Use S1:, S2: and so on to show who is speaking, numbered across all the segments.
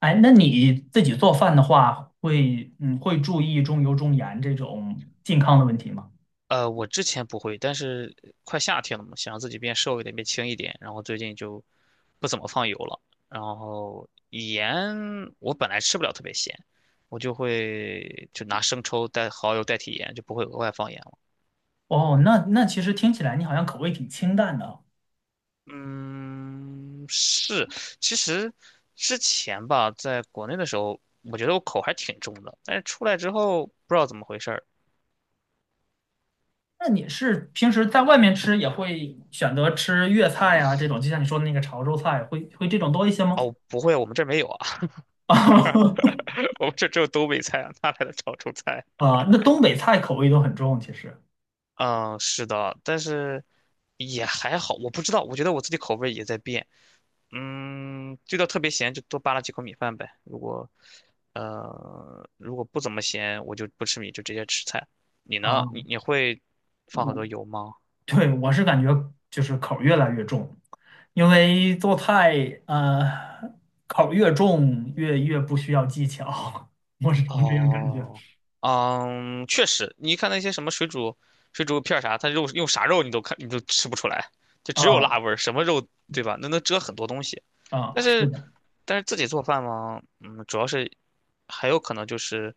S1: 哎，那你自己做饭的话，会注意重油重盐这种健康的问题吗？
S2: 我之前不会，但是快夏天了嘛，想让自己变瘦一点，变轻一点，然后最近就不怎么放油了。然后盐我本来吃不了特别咸，我就会就拿生抽代蚝油代替盐，就不会额外放盐了。
S1: 哦，那其实听起来你好像口味挺清淡的啊。
S2: 嗯，是，其实之前吧，在国内的时候，我觉得我口还挺重的，但是出来之后不知道怎么回事儿。
S1: 那你是平时在外面吃也会选择吃粤菜啊这种，就像你说的那个潮州菜，会这种多一些吗？
S2: 哦，不会，我们这儿没有啊，我们这儿只有东北菜啊，哪来的潮州菜？
S1: 啊，那东北菜口味都很重，其实
S2: 嗯，是的，但是也还好，我不知道，我觉得我自己口味也在变。嗯，这道特别咸就多扒拉几口米饭呗。如果如果不怎么咸，我就不吃米，就直接吃菜。你
S1: 啊，
S2: 呢？你会放很
S1: 我
S2: 多油吗？
S1: 对，我是感觉就是口儿越来越重，因为做菜，口儿越重越不需要技巧，我这样感觉。
S2: 哦，嗯，确实，你看那些什么水煮片儿啥，它肉用啥肉你都吃不出来，就只有
S1: 啊
S2: 辣味儿什么肉对吧？那能遮很多东西。但
S1: 啊，是
S2: 是
S1: 的，
S2: 但是自己做饭嘛，嗯，主要是还有可能就是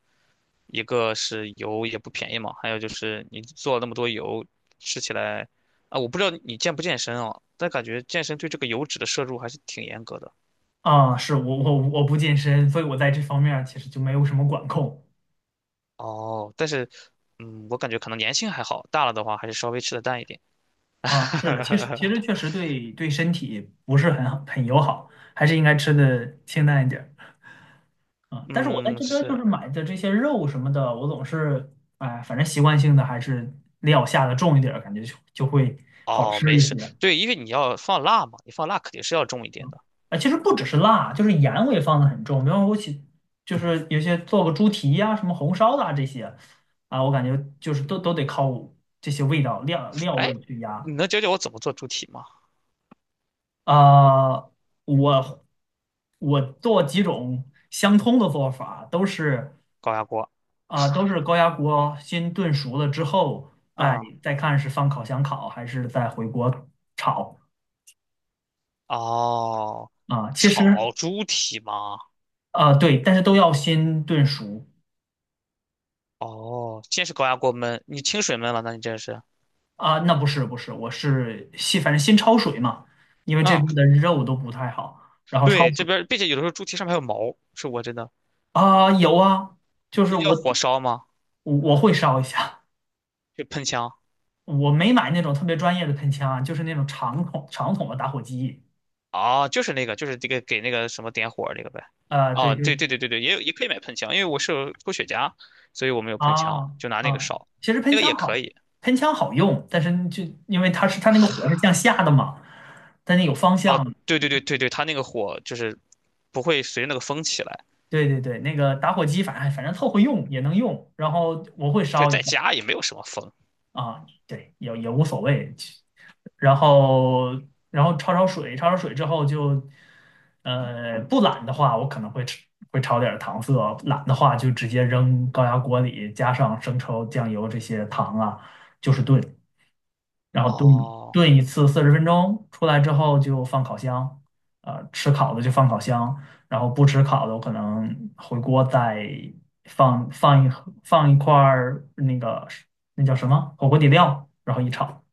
S2: 一个是油也不便宜嘛，还有就是你做了那么多油，吃起来啊，我不知道你健不健身啊，但感觉健身对这个油脂的摄入还是挺严格的。
S1: 啊，是我不健身，所以我在这方面儿其实就没有什么管控。
S2: 哦，但是嗯，我感觉可能年轻还好，大了的话还是稍微吃的淡一点。
S1: 啊，是的，其实其 实确实对身体不是很好很友好，还是应该吃的清淡一点儿。啊，但是我在
S2: 嗯，
S1: 这边就
S2: 是。
S1: 是买的这些肉什么的，我总是哎，反正习惯性的还是料下的重一点儿，感觉就会好
S2: 哦，
S1: 吃
S2: 没
S1: 一
S2: 事，
S1: 些。
S2: 对，因为你要放辣嘛，你放辣肯定是要重一点的。
S1: 啊，其实不只是辣，就是盐我也放的很重，比方说就是有些做个猪蹄呀、什么红烧的啊这些啊，我感觉就是都得靠这些味道料
S2: 哎，
S1: 味去压。
S2: 你能教教我怎么做猪蹄吗？
S1: 啊，我我做几种相通的做法，都是
S2: 高压锅。
S1: 啊，都是高压锅先炖熟了之后，再
S2: 啊。
S1: 再看是放烤箱烤还是再回锅炒
S2: 哦，
S1: 啊。其实
S2: 炒猪蹄吗？
S1: 啊，对，但是都要先炖熟
S2: 哦，先是高压锅焖，你清水焖了，那你这是，
S1: 啊。那不是不是，我是先反正先焯水嘛，因为这
S2: 嗯，
S1: 边的肉都不太好，然后
S2: 对，
S1: 焯
S2: 这
S1: 水
S2: 边儿，并且有的时候猪蹄上面还有毛，是我真的，
S1: 啊，有啊，就是
S2: 你叫
S1: 我
S2: 火烧吗？
S1: 我我会烧一下，
S2: 就喷枪，
S1: 我没买那种特别专业的喷枪啊，就是那种长筒长筒的打火机。
S2: 啊，就是那个，就是这个给那个什么点火那个呗。
S1: 啊。对，
S2: 哦，
S1: 就
S2: 对
S1: 是。
S2: 对对对对，也有也可以买喷枪，因为我是抽雪茄，所以我没有喷枪，
S1: 啊
S2: 就拿那个
S1: 啊，
S2: 烧，
S1: 其实
S2: 那
S1: 喷
S2: 个
S1: 枪
S2: 也可
S1: 好，
S2: 以。
S1: 喷枪好用，但是就因为它是它那个火是向下的嘛，但是有方向。
S2: 对对对对对，它那个火就是不会随着那个风起来，
S1: 对对对，那个打火机反正凑合用也能用，然后我会
S2: 对，
S1: 烧一
S2: 在
S1: 下
S2: 家也没有什么风。
S1: 啊，对，也无所谓。其然后然后焯水，焯水之后就，呃，不懒的话，我可能会炒点儿糖色，懒的话就直接扔高压锅里，加上生抽、酱油这些糖啊，就是炖。然后炖
S2: 哦，
S1: 炖一次40分钟，出来之后就放烤箱，吃烤的就放烤箱，然后不吃烤的我可能回锅再放一块儿那个叫什么火锅底料，然后一炒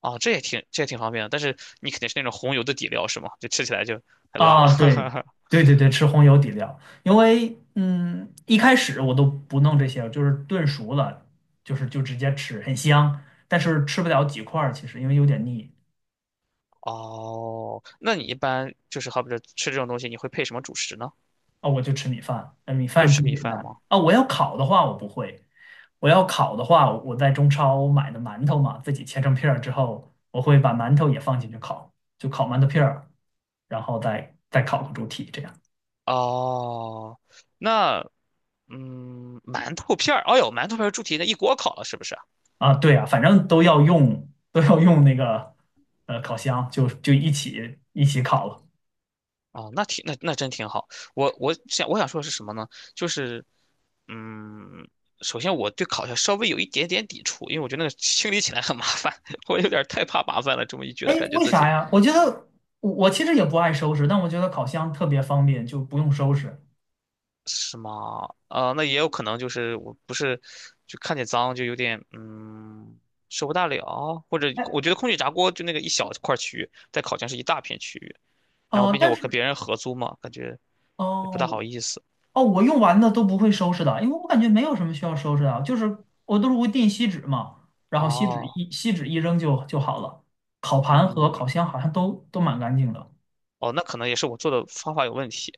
S2: 哦，这也挺方便的，但是你肯定是那种红油的底料是吗？就吃起来就很辣。
S1: 啊，对 对对对，吃红油底料，因为一开始我都不弄这些，就是炖熟了，就直接吃，很香，但是吃不了几块儿，其实因为有点腻。
S2: 哦，那你一般就是好比说吃这种东西，你会配什么主食呢？
S1: 哦，我就吃米饭，那米
S2: 就
S1: 饭
S2: 吃
S1: 最
S2: 米
S1: 简单
S2: 饭吗？
S1: 啊。我要烤的话，我不会。我要烤的话，我在中超买的馒头嘛，自己切成片儿之后，我会把馒头也放进去烤，就烤馒头片儿，然后再烤个猪蹄这样
S2: 哦，那嗯，馒头片儿，哎呦，馒头片儿猪蹄那一锅烤了，是不是？
S1: 啊。对啊，反正都要用那个烤箱，就一起烤了。
S2: 哦，那挺那那真挺好。我想说的是什么呢？就是嗯，首先我对烤鸭稍微有一点点抵触，因为我觉得那个清理起来很麻烦，我有点儿太怕麻烦了。这么一觉
S1: 哎，
S2: 得，感觉
S1: 为
S2: 自
S1: 啥
S2: 己。
S1: 呀？我觉得我其实也不爱收拾，但我觉得烤箱特别方便，就不用收拾。
S2: 是吗？啊、那也有可能就是我不是就看见脏就有点嗯受不大了，或者
S1: 哎，
S2: 我觉得空气炸锅就那个一小块区域，在烤箱是一大片区域，然后
S1: 哦，
S2: 并且
S1: 但
S2: 我跟
S1: 是
S2: 别人合租嘛，感觉也不大
S1: 哦，
S2: 好意思。
S1: 哦，我用完的都不会收拾的，因为我感觉没有什么需要收拾的，就是我都是会订锡纸嘛，然后锡纸
S2: 哦，
S1: 一锡纸一扔就好了。烤盘和烤
S2: 嗯，
S1: 箱好像都蛮干净的
S2: 哦，那可能也是我做的方法有问题。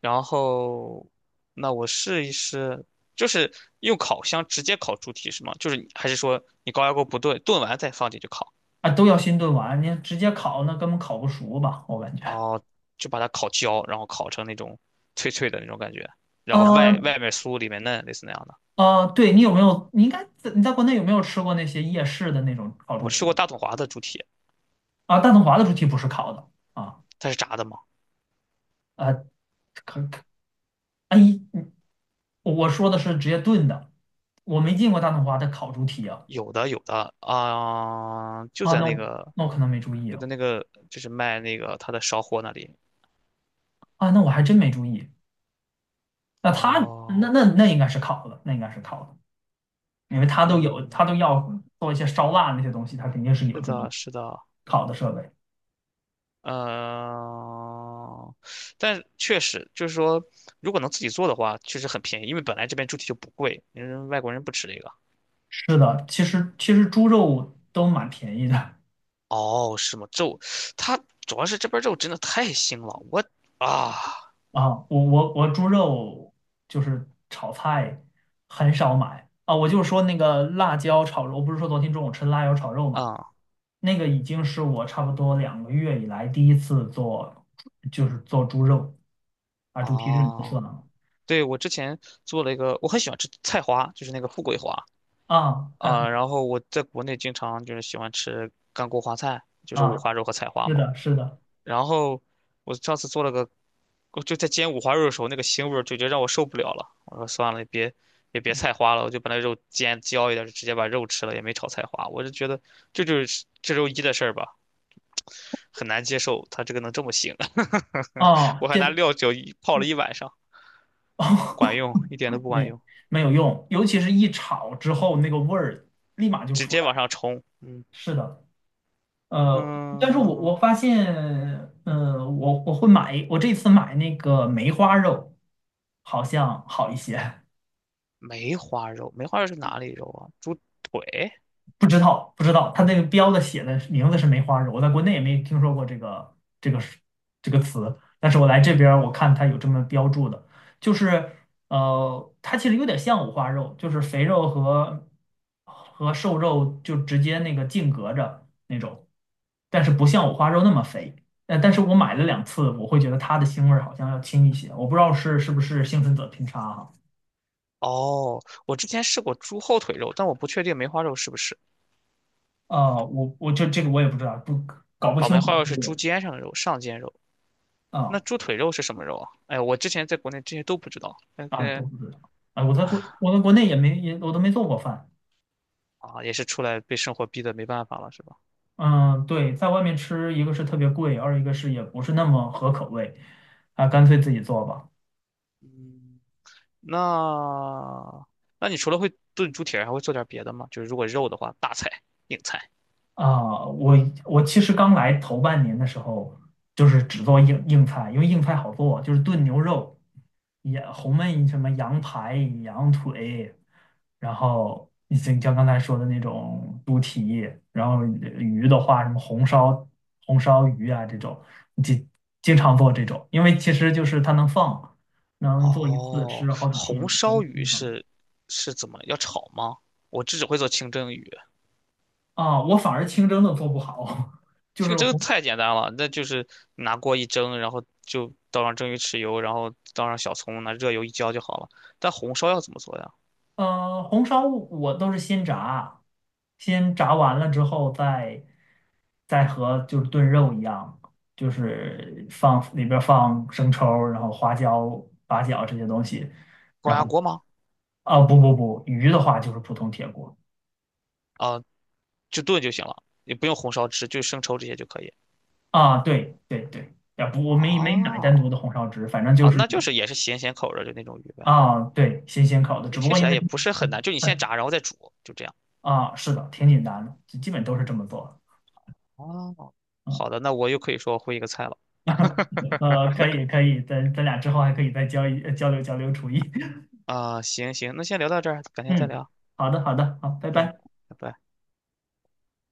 S2: 然后，那我试一试，就是用烤箱直接烤猪蹄是吗？就是你还是说你高压锅不炖，炖完再放进去烤？
S1: 啊，都要先炖完，你直接烤那根本烤不熟吧，我感觉。
S2: 哦，就把它烤焦，然后烤成那种脆脆的那种感觉，然后
S1: 呃
S2: 外面酥里面嫩，类似那样的。
S1: 对你有没有？你应该在国内有没有吃过那些夜市的那种烤猪
S2: 我吃过
S1: 蹄
S2: 大统华的猪蹄，
S1: 啊？大统华的猪蹄不是烤的啊，
S2: 它是炸的吗？
S1: 呃，可可，哎，我说的是直接炖的，我没进过大统华的烤猪蹄啊。
S2: 有的，有的啊、就
S1: 啊，
S2: 在
S1: 那
S2: 那
S1: 我
S2: 个
S1: 那我可能没注意
S2: 就在
S1: 哦。
S2: 那个就是卖那个它的烧货那里。
S1: 啊，那我还真没注意。那他那
S2: 哦，
S1: 那那应该是烤的，那应该是烤的，因为他都有，
S2: 嗯，
S1: 他都要做一些烧腊那些东西，他肯定是有
S2: 是
S1: 这种
S2: 的，是的，
S1: 烤的设备。
S2: 嗯、但确实就是说，如果能自己做的话，确实很便宜，因为本来这边猪蹄就不贵，因为外国人不吃这个。
S1: 是的，其实猪肉都蛮便宜的
S2: 哦，是吗？肉，它主要是这边肉真的太腥了，我啊
S1: 啊。我猪肉就是炒菜很少买啊。我就说那个辣椒炒肉，我不是说昨天中午吃辣椒炒肉嘛，
S2: 啊
S1: 那个已经是我差不多2个月以来第一次做，就是做猪肉。啊，主题是你的
S2: 哦，
S1: 所能
S2: 对，我之前做了一个，我很喜欢吃菜花，就是那个富贵花
S1: 啊，太好
S2: 啊、
S1: 了
S2: 然后我在国内经常就是喜欢吃干锅花菜，就是五
S1: 啊，
S2: 花肉和菜花
S1: 是
S2: 嘛。
S1: 的，是的，
S2: 然后我上次做了个，我就在煎五花肉的时候，那个腥味儿就觉得让我受不了了。我说算了，也别菜花了，我就把那肉煎焦一点，就直接把肉吃了，也没炒菜花。我就觉得这就是这周一的事儿吧。很难接受它这个能这么腥，
S1: 哦，
S2: 我还拿料酒一泡了一晚上，
S1: 哦，
S2: 不管用，一点都 不管
S1: 没
S2: 用，
S1: 没有用，尤其是一炒之后，那个味儿立马就
S2: 直
S1: 出
S2: 接
S1: 来了。
S2: 往上冲。嗯
S1: 是的，呃，但是我
S2: 嗯，
S1: 我发现，我会买，我这次买那个梅花肉，好像好一些。
S2: 梅花肉，梅花肉是哪里肉啊？猪腿？
S1: 不知道，不知道，它那个标的写的名字是梅花肉，我在国内也没听说过这个这个词，但是我来这边儿我看它有这么标注的，就是它其实有点像五花肉，就是肥肉和瘦肉就直接那个净隔着那种，但是不像五花肉那么肥。但是我买了2次，我会觉得它的腥味儿好像要轻一些，我不知道是不是幸存者偏差哈。
S2: 哦，我之前试过猪后腿肉，但我不确定梅花肉是不是。
S1: 啊，我就这个我也不知道，不搞不
S2: 哦，
S1: 清
S2: 梅
S1: 楚
S2: 花肉是猪肩上的肉，上肩肉。那
S1: 啊。
S2: 猪腿肉是什么肉啊？哎，我之前在国内这些都不知道，但
S1: 啊，都
S2: 是
S1: 不知道啊，我在国内也没也我都没做过饭。
S2: 啊，也是出来被生活逼得没办法了，是吧？
S1: 嗯，对，在外面吃，一个是特别贵，二一个是也不是那么合口味，啊，干脆自己做吧。
S2: 嗯。那那你除了会炖猪蹄儿，还会做点别的吗？就是如果肉的话，大菜、硬菜。
S1: 啊，我其实刚来头半年的时候，就是只做硬菜，因为硬菜好做，就是炖牛肉，也红焖什么羊排、羊腿，然后你像刚才说的那种猪蹄，然后鱼的话，什么红烧鱼啊这种，经经常做这种，因为其实就是它能放，能做一次
S2: 哦，
S1: 吃好几天，
S2: 红烧
S1: 能
S2: 鱼
S1: 经常
S2: 是是怎么要炒吗？我这只会做清蒸鱼，
S1: 啊，我反而清蒸的做不好，就
S2: 清
S1: 是
S2: 蒸
S1: 红。
S2: 太简单了，那就是拿锅一蒸，然后就倒上蒸鱼豉油，然后倒上小葱，拿热油一浇就好了。但红烧要怎么做呀？
S1: 呃，红烧我都是先炸，先炸完了之后再和就是炖肉一样，就是放里边儿放生抽儿然后花椒、八角这些东西，
S2: 高
S1: 然后
S2: 压锅吗？
S1: 啊不不不，鱼的话就是普通铁锅
S2: 啊，就炖就行了，也不用红烧汁，就生抽这些就可以。
S1: 啊，对对对，啊不，我没买
S2: 啊
S1: 单独的红烧汁，反正就
S2: 啊，
S1: 是
S2: 那就是也是咸咸口儿的，就那种鱼呗。
S1: 啊对，新鲜烤的，只不
S2: 听
S1: 过
S2: 起
S1: 因
S2: 来
S1: 为
S2: 也不是很难，就你先炸，然后再煮，就这样。
S1: 啊是的，挺简单的，就基本都是这么做。
S2: 哦，好
S1: 啊。
S2: 的，那我又可以说会一个菜了。
S1: 可以可以，咱俩之后还可以再交流交流厨艺。
S2: 啊、行行，那先聊到这儿，改天再
S1: 嗯，
S2: 聊。
S1: 好的好的，好，拜
S2: 嗯，
S1: 拜。
S2: 拜拜。